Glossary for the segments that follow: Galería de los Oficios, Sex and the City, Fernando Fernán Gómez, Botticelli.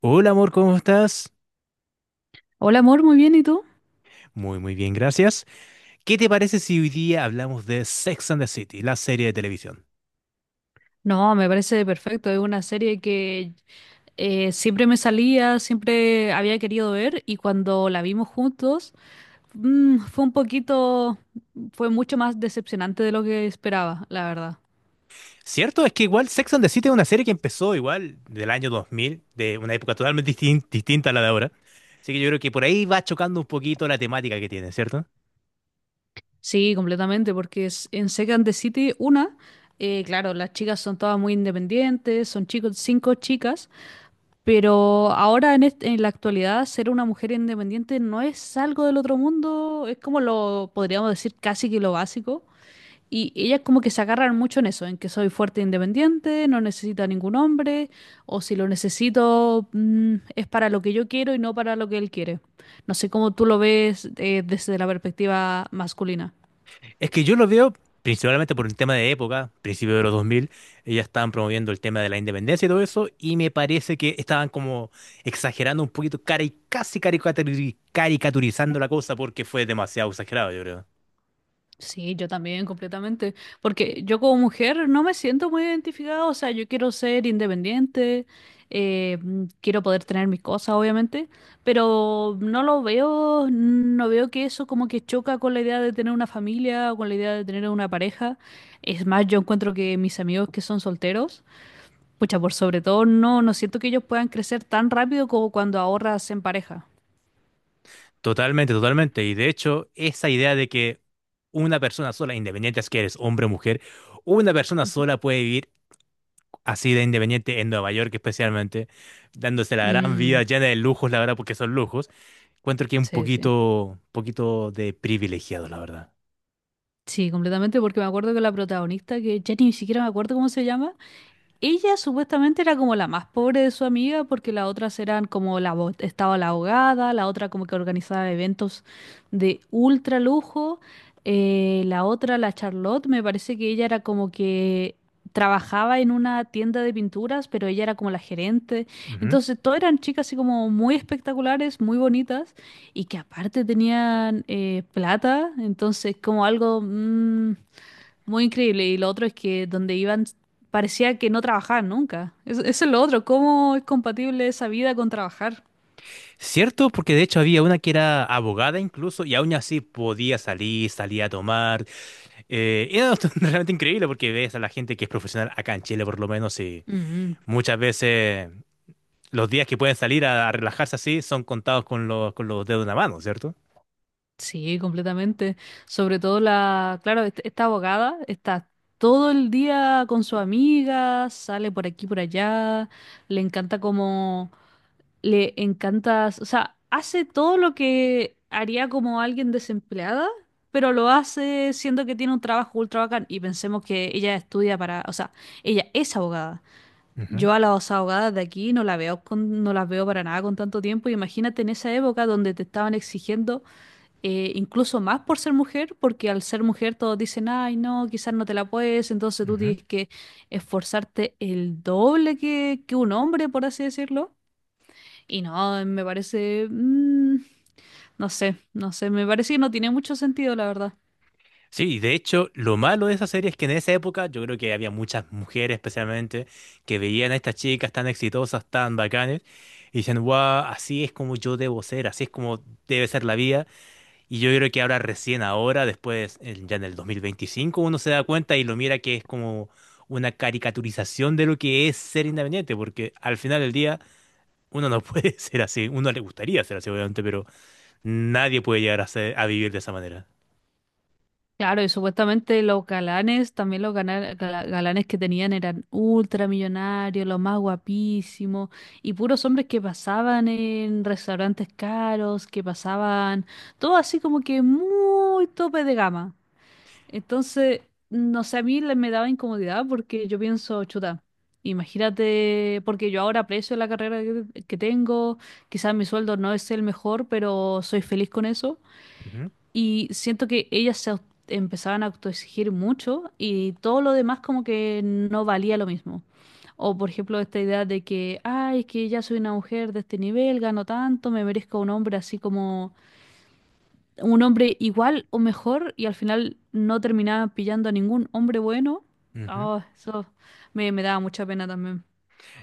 Hola amor, ¿cómo estás? Hola amor, muy bien, ¿y tú? Muy, muy bien, gracias. ¿Qué te parece si hoy día hablamos de Sex and the City, la serie de televisión? No, me parece perfecto, es una serie que siempre me salía, siempre había querido ver y cuando la vimos juntos fue un poquito, fue mucho más decepcionante de lo que esperaba, la verdad. Cierto, es que igual Sex and the City es una serie que empezó igual del año 2000, de una época totalmente distinta a la de ahora. Así que yo creo que por ahí va chocando un poquito la temática que tiene, ¿cierto? Sí, completamente, porque en Sex and the City, una, claro, las chicas son todas muy independientes, son chicos, cinco chicas. Pero ahora en la actualidad ser una mujer independiente no es algo del otro mundo, es como lo podríamos decir casi que lo básico. Y ellas como que se agarran mucho en eso, en que soy fuerte e independiente, no necesito a ningún hombre, o si lo necesito es para lo que yo quiero y no para lo que él quiere. No sé cómo tú lo ves desde la perspectiva masculina. Es que yo lo veo principalmente por un tema de época, principio de los 2000. Ellas estaban promoviendo el tema de la independencia y todo eso, y me parece que estaban como exagerando un poquito, casi caricaturizando la cosa porque fue demasiado exagerado, yo creo. Sí, yo también, completamente. Porque yo como mujer no me siento muy identificada, o sea, yo quiero ser independiente, quiero poder tener mis cosas, obviamente, pero no lo veo, no veo que eso como que choca con la idea de tener una familia o con la idea de tener una pareja. Es más, yo encuentro que mis amigos que son solteros, pucha, por sobre todo, no siento que ellos puedan crecer tan rápido como cuando ahorras en pareja. Totalmente, totalmente. Y de hecho, esa idea de que una persona sola, independiente es que eres hombre o mujer, una persona sola puede vivir así de independiente en Nueva York especialmente, dándose la gran Mm, vida llena de lujos, la verdad, porque son lujos. Encuentro que es un sí, sí. poquito, poquito de privilegiado, la verdad. Sí, completamente, porque me acuerdo que la protagonista, que ya ni siquiera me acuerdo cómo se llama, ella supuestamente era como la más pobre de su amiga porque las otras eran como la estaba la ahogada, la otra como que organizaba eventos de ultra lujo, la otra, la Charlotte, me parece que ella era como que trabajaba en una tienda de pinturas, pero ella era como la gerente. Ujú. Entonces, todas eran chicas así como muy espectaculares, muy bonitas y que aparte tenían plata, entonces como algo, muy increíble. Y lo otro es que donde iban parecía que no trabajaban nunca. Eso es lo otro. ¿Cómo es compatible esa vida con trabajar? Cierto, porque de hecho había una que era abogada incluso y aún así podía salir, salía a tomar. Era realmente increíble porque ves a la gente que es profesional acá en Chile por lo menos y Mm, muchas veces los días que pueden salir a relajarse así son contados con los dedos de una mano, cierto. sí, completamente. Sobre todo la, claro, esta abogada está todo el día con su amiga, sale por aquí, por allá. Le encanta como Le encanta, o sea, hace todo lo que haría como alguien desempleada, pero lo hace siendo que tiene un trabajo ultra bacán. Y pensemos que ella estudia para, o sea, ella es abogada. Ujú, Yo a las abogadas de aquí no la veo con, no las veo para nada con tanto tiempo. Imagínate en esa época donde te estaban exigiendo incluso más por ser mujer, porque al ser mujer todos dicen, ay, no, quizás no te la puedes, entonces tú ujú. tienes que esforzarte el doble que un hombre, por así decirlo. Y no, me parece, no sé, no sé, me parece que no tiene mucho sentido, la verdad. Sí, y de hecho, lo malo de esa serie es que en esa época yo creo que había muchas mujeres especialmente que veían a estas chicas tan exitosas, tan bacanes, y decían, wow, así es como yo debo ser, así es como debe ser la vida. Y yo creo que ahora recién ahora, después, ya en el 2025, uno se da cuenta y lo mira que es como una caricaturización de lo que es ser independiente, porque al final del día uno no puede ser así, uno le gustaría ser así, obviamente, pero nadie puede llegar a ser, a vivir de esa manera. Claro, y supuestamente los galanes, también los galanes que tenían eran ultramillonarios, los más guapísimos, y puros hombres que pasaban en restaurantes caros, que pasaban, todo así como que muy tope de gama. Entonces, no sé, a mí me daba incomodidad porque yo pienso, chuta, imagínate, porque yo ahora aprecio la carrera que tengo, quizás mi sueldo no es el mejor, pero soy feliz con eso. Ujú, Y siento que ellas se empezaban a autoexigir mucho y todo lo demás como que no valía lo mismo. O por ejemplo, esta idea de que, ay, es que ya soy una mujer de este nivel, gano tanto, me merezco un hombre así como un hombre igual o mejor y al final no terminaba pillando a ningún hombre bueno. ujú. Oh, eso me daba mucha pena también.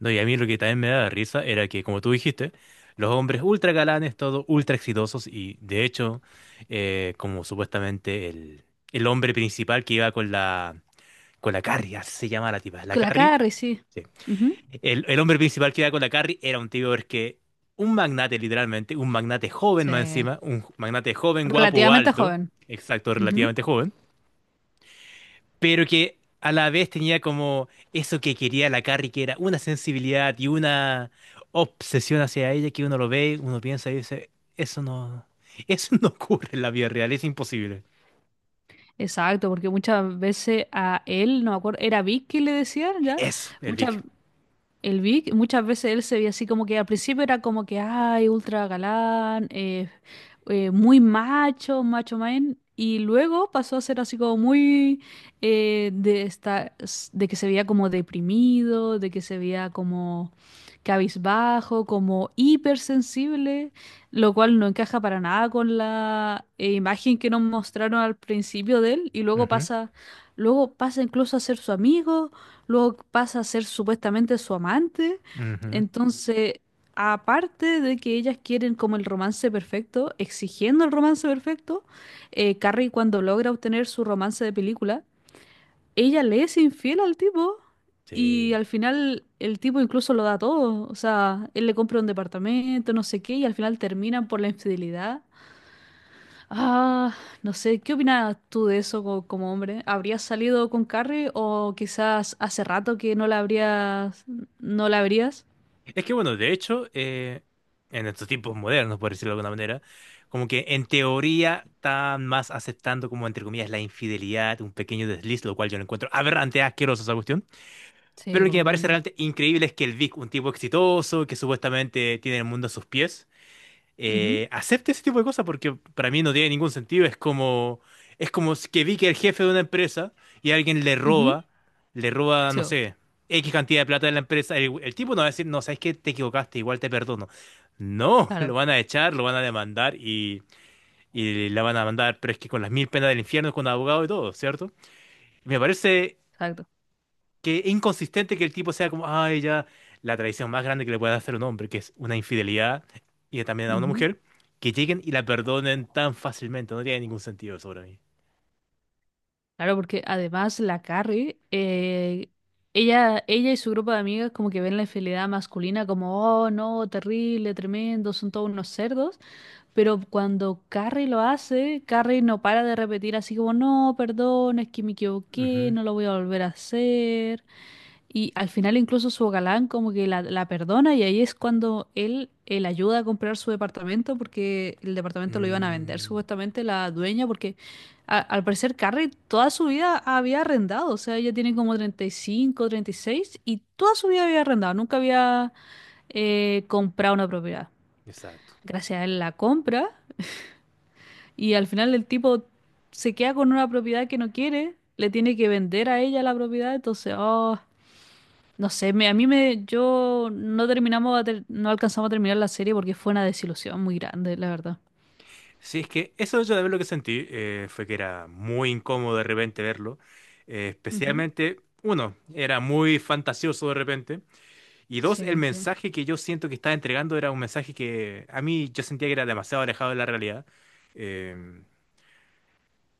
No, y a mí lo que también me daba risa era que, como tú dijiste, los hombres ultra galanes, todos ultra exitosos, y de hecho, como supuestamente el hombre principal que iba con la Carrie, así se llama la tipa, la Con la Carrie, Carrie, sí. sí. Ujú. El hombre principal que iba con la Carrie era un tío es que, un magnate literalmente, un magnate joven más Sí. encima, un magnate joven, guapo, Relativamente alto, joven. exacto, Ujú. relativamente joven pero que a la vez tenía como eso que quería la Carrie, que era una sensibilidad y una obsesión hacia ella que uno lo ve, uno piensa y dice, eso no, eso no ocurre en la vida real, es imposible. Exacto, porque muchas veces a él, no me acuerdo, era Vic que le decían ya, Eso, el muchas, Vic. El Vic, muchas veces él se veía así como que al principio era como que, ay, ultra galán, muy macho, macho man, y luego pasó a ser así como muy de esta, de que se veía como deprimido, de que se veía como cabizbajo, como hipersensible, lo cual no encaja para nada con la imagen que nos mostraron al principio de él, y Ujú, luego pasa incluso a ser su amigo luego pasa a ser supuestamente su amante. ujú, Entonces, aparte de que ellas quieren como el romance perfecto, exigiendo el romance perfecto, Carrie cuando logra obtener su romance de película, ella le es infiel al tipo y sí. al final el tipo incluso lo da todo. O sea, él le compra un departamento, no sé qué, y al final terminan por la infidelidad. Ah, no sé, ¿qué opinas tú de eso como, hombre? ¿Habrías salido con Carrie o quizás hace rato que no la habrías? Es que bueno, de hecho, en estos tiempos modernos, por decirlo de alguna manera, como que en teoría están más aceptando como entre comillas la infidelidad, un pequeño desliz, lo cual yo lo encuentro aberrante, asqueroso esa cuestión. Pero Sí, lo que me parece completamente. realmente increíble es que el Vic, un tipo exitoso, que supuestamente tiene el mundo a sus pies, Ujú, acepte ese tipo de cosas porque para mí no tiene ningún sentido. Es como si que Vic es el jefe de una empresa y alguien le ujú. roba, le roba, Sí, no bo, sé, X cantidad de plata de la empresa. El tipo no va a decir, no, sabes que te equivocaste, igual te perdono. No, lo claro, van a echar, lo van a demandar y la van a mandar, pero es que con las mil penas del infierno, con abogado y todo, ¿cierto? Me parece exacto. que es inconsistente que el tipo sea como, ay, ya, la traición más grande que le puede hacer un hombre, que es una infidelidad, y también a una Ujú. mujer, que lleguen y la perdonen tan fácilmente, no tiene ningún sentido eso para mí. Claro, porque además la Carrie, ella y su grupo de amigas como que ven la infidelidad masculina como, oh, no, terrible, tremendo, son todos unos cerdos. Pero cuando Carrie lo hace, Carrie no para de repetir así como, no, perdón, es que me equivoqué, Ujú. no lo voy a volver a hacer. Y al final incluso su galán como que la perdona y ahí es cuando él ayuda a comprar su departamento porque el departamento lo iban a vender Mm, supuestamente la dueña porque al parecer Carrie toda su vida había arrendado, o sea, ella tiene como 35, 36 y toda su vida había arrendado, nunca había comprar una propiedad. exacto. Gracias a él la compra y al final el tipo se queda con una propiedad que no quiere, le tiene que vender a ella la propiedad, entonces, oh, no sé, yo no terminamos, no alcanzamos a terminar la serie porque fue una desilusión muy grande, la verdad. Sí, es que eso yo de ver lo que sentí fue que era muy incómodo de repente verlo, Ujú. especialmente, uno, era muy fantasioso de repente, y dos, el Sí, sí. mensaje que yo siento que estaba entregando era un mensaje que a mí yo sentía que era demasiado alejado de la realidad. Eh,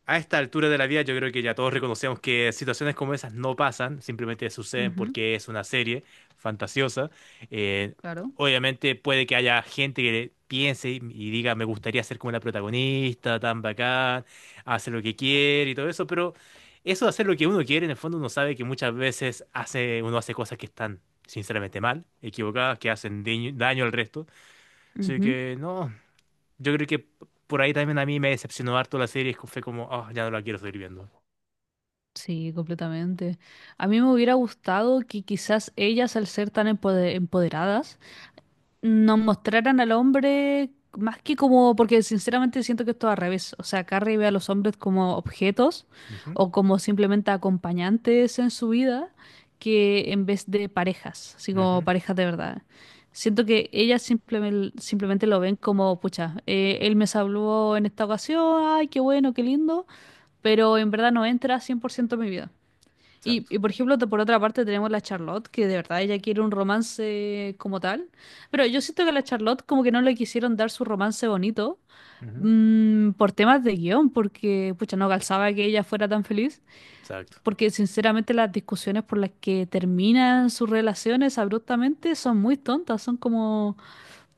a esta altura de la vida yo creo que ya todos reconocemos que situaciones como esas no pasan, simplemente suceden Ujú, porque es una serie fantasiosa. Eh, claro. Obviamente puede que haya gente que piense y diga, me gustaría ser como la protagonista, tan bacán, hace lo que quiere y todo eso, pero eso de hacer lo que uno quiere, en el fondo uno sabe que muchas veces uno hace cosas que están sinceramente mal, equivocadas, que hacen daño, daño al resto. Así Ujú. que no, yo creo que por ahí también a mí me decepcionó harto la serie. Es que fue como, oh, ya no la quiero seguir viendo. Sí, completamente. A mí me hubiera gustado que quizás ellas, al ser tan empoderadas, nos mostraran al hombre más que como, porque sinceramente siento que esto es al revés, o sea, Carrie ve a los hombres como objetos Ujú, o como simplemente acompañantes en su vida que en vez de parejas, así como ujú, parejas de verdad. Siento que ellas simplemente lo ven como, pucha, él me salvó en esta ocasión, ay, qué bueno, qué lindo, pero en verdad no entra 100% en mi vida. Y, exacto. por ejemplo, por otra parte tenemos la Charlotte, que de verdad ella quiere un romance como tal. Pero yo siento que a la Charlotte como que no le quisieron dar su romance bonito Ujú, por temas de guión, porque pucha, no calzaba que ella fuera tan feliz. exacto. Porque sinceramente las discusiones por las que terminan sus relaciones abruptamente son muy tontas. Son como,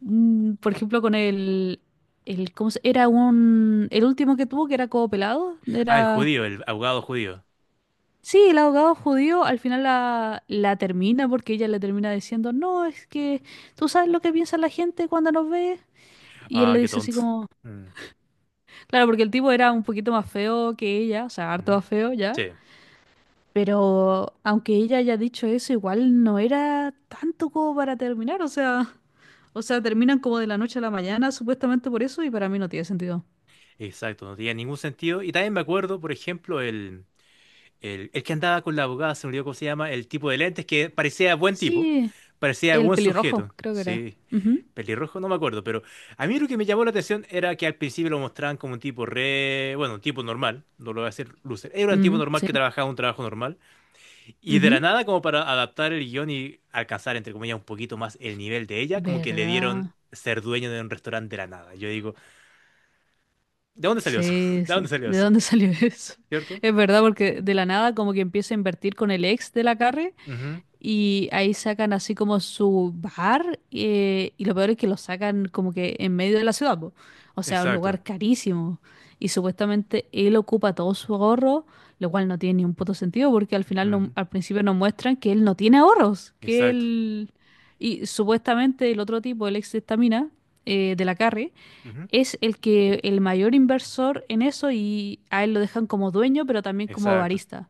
por ejemplo, con ¿cómo se? Era el último que tuvo que era como pelado. Ah, el Era. judío, el abogado judío. Sí, el abogado judío al final la termina porque ella le termina diciendo, no, es que tú sabes lo que piensa la gente cuando nos ve. Y él Ah, le qué dice así tonto. como, Mm, claro, porque el tipo era un poquito más feo que ella, o sea, harto ujú, más feo ya. sí, Pero aunque ella haya dicho eso, igual no era tanto como para terminar, o sea, terminan como de la noche a la mañana, supuestamente por eso, y para mí no tiene sentido. exacto. No tenía ningún sentido. Y también me acuerdo, por ejemplo, el que andaba con la abogada, se me olvidó cómo se llama, el tipo de lentes que parecía buen tipo, Sí, parecía el buen pelirrojo, sujeto. creo que era. Sí. Ujú, Pelirrojo, no me acuerdo, pero a mí lo que me llamó la atención era que al principio lo mostraban como un tipo re, bueno, un tipo normal, no lo voy a hacer Lucer, era un tipo ujú, normal sí, que trabajaba un trabajo normal, y de la ujú. nada como para adaptar el guión y alcanzar, entre comillas, un poquito más el nivel de ella, como que le dieron ¿Verdad? ser dueño de un restaurante de la nada. Yo digo, ¿de dónde salió eso? Sí, ¿De sí. dónde salió ¿De eso? dónde salió eso? ¿Cierto? Es verdad, porque de la nada como que empieza a invertir con el ex de la Carrie Ujú, y ahí sacan así como su bar y lo peor es que lo sacan como que en medio de la ciudad, po. O sea, un exacto. lugar carísimo. Y supuestamente él ocupa todo su ahorro, lo cual no tiene ni un puto sentido porque al final Ujú, al principio nos muestran que él no tiene ahorros, que exacto. él. Y supuestamente el otro tipo, el ex de esta mina, de la Carrie, Ujú, es el que el mayor inversor en eso y a él lo dejan como dueño, pero también como exacto. barista.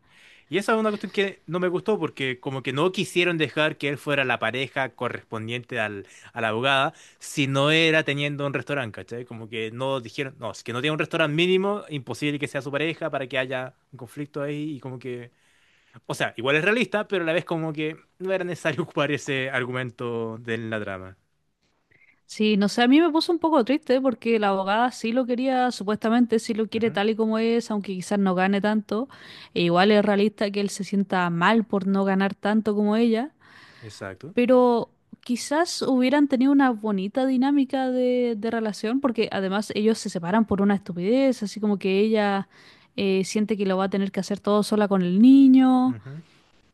Y esa es una cuestión que no me gustó porque como que no quisieron dejar que él fuera la pareja correspondiente al, a la abogada si no era teniendo un restaurante, ¿cachai? Como que no dijeron, no, si que no tiene un restaurante mínimo, imposible que sea su pareja para que haya un conflicto ahí y como que, o sea, igual es realista, pero a la vez como que no era necesario ocupar ese argumento de la trama. Sí, no sé, a mí me puso un poco triste porque la abogada sí lo quería, supuestamente sí lo quiere Ujú, tal y como es, aunque quizás no gane tanto. E igual es realista que él se sienta mal por no ganar tanto como ella, exacto. pero quizás hubieran tenido una bonita dinámica de relación porque además ellos se separan por una estupidez, así como que ella siente que lo va a tener que hacer todo sola con el niño. Ujú.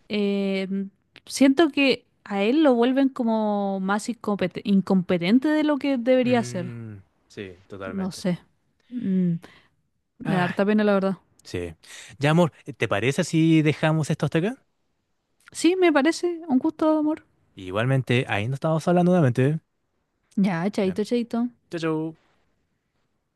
Eh, siento que a él lo vuelven como más incompetente de lo que debería ser. Mm, sí, No totalmente. sé. Mm, me da Ah, harta pena, la verdad. sí. Ya, amor, ¿te parece si dejamos esto hasta acá? Sí, me parece. Un gusto, amor. Igualmente, ahí nos estamos hablando nuevamente. Ya, Ya. chaito, chaito. Chau, chau.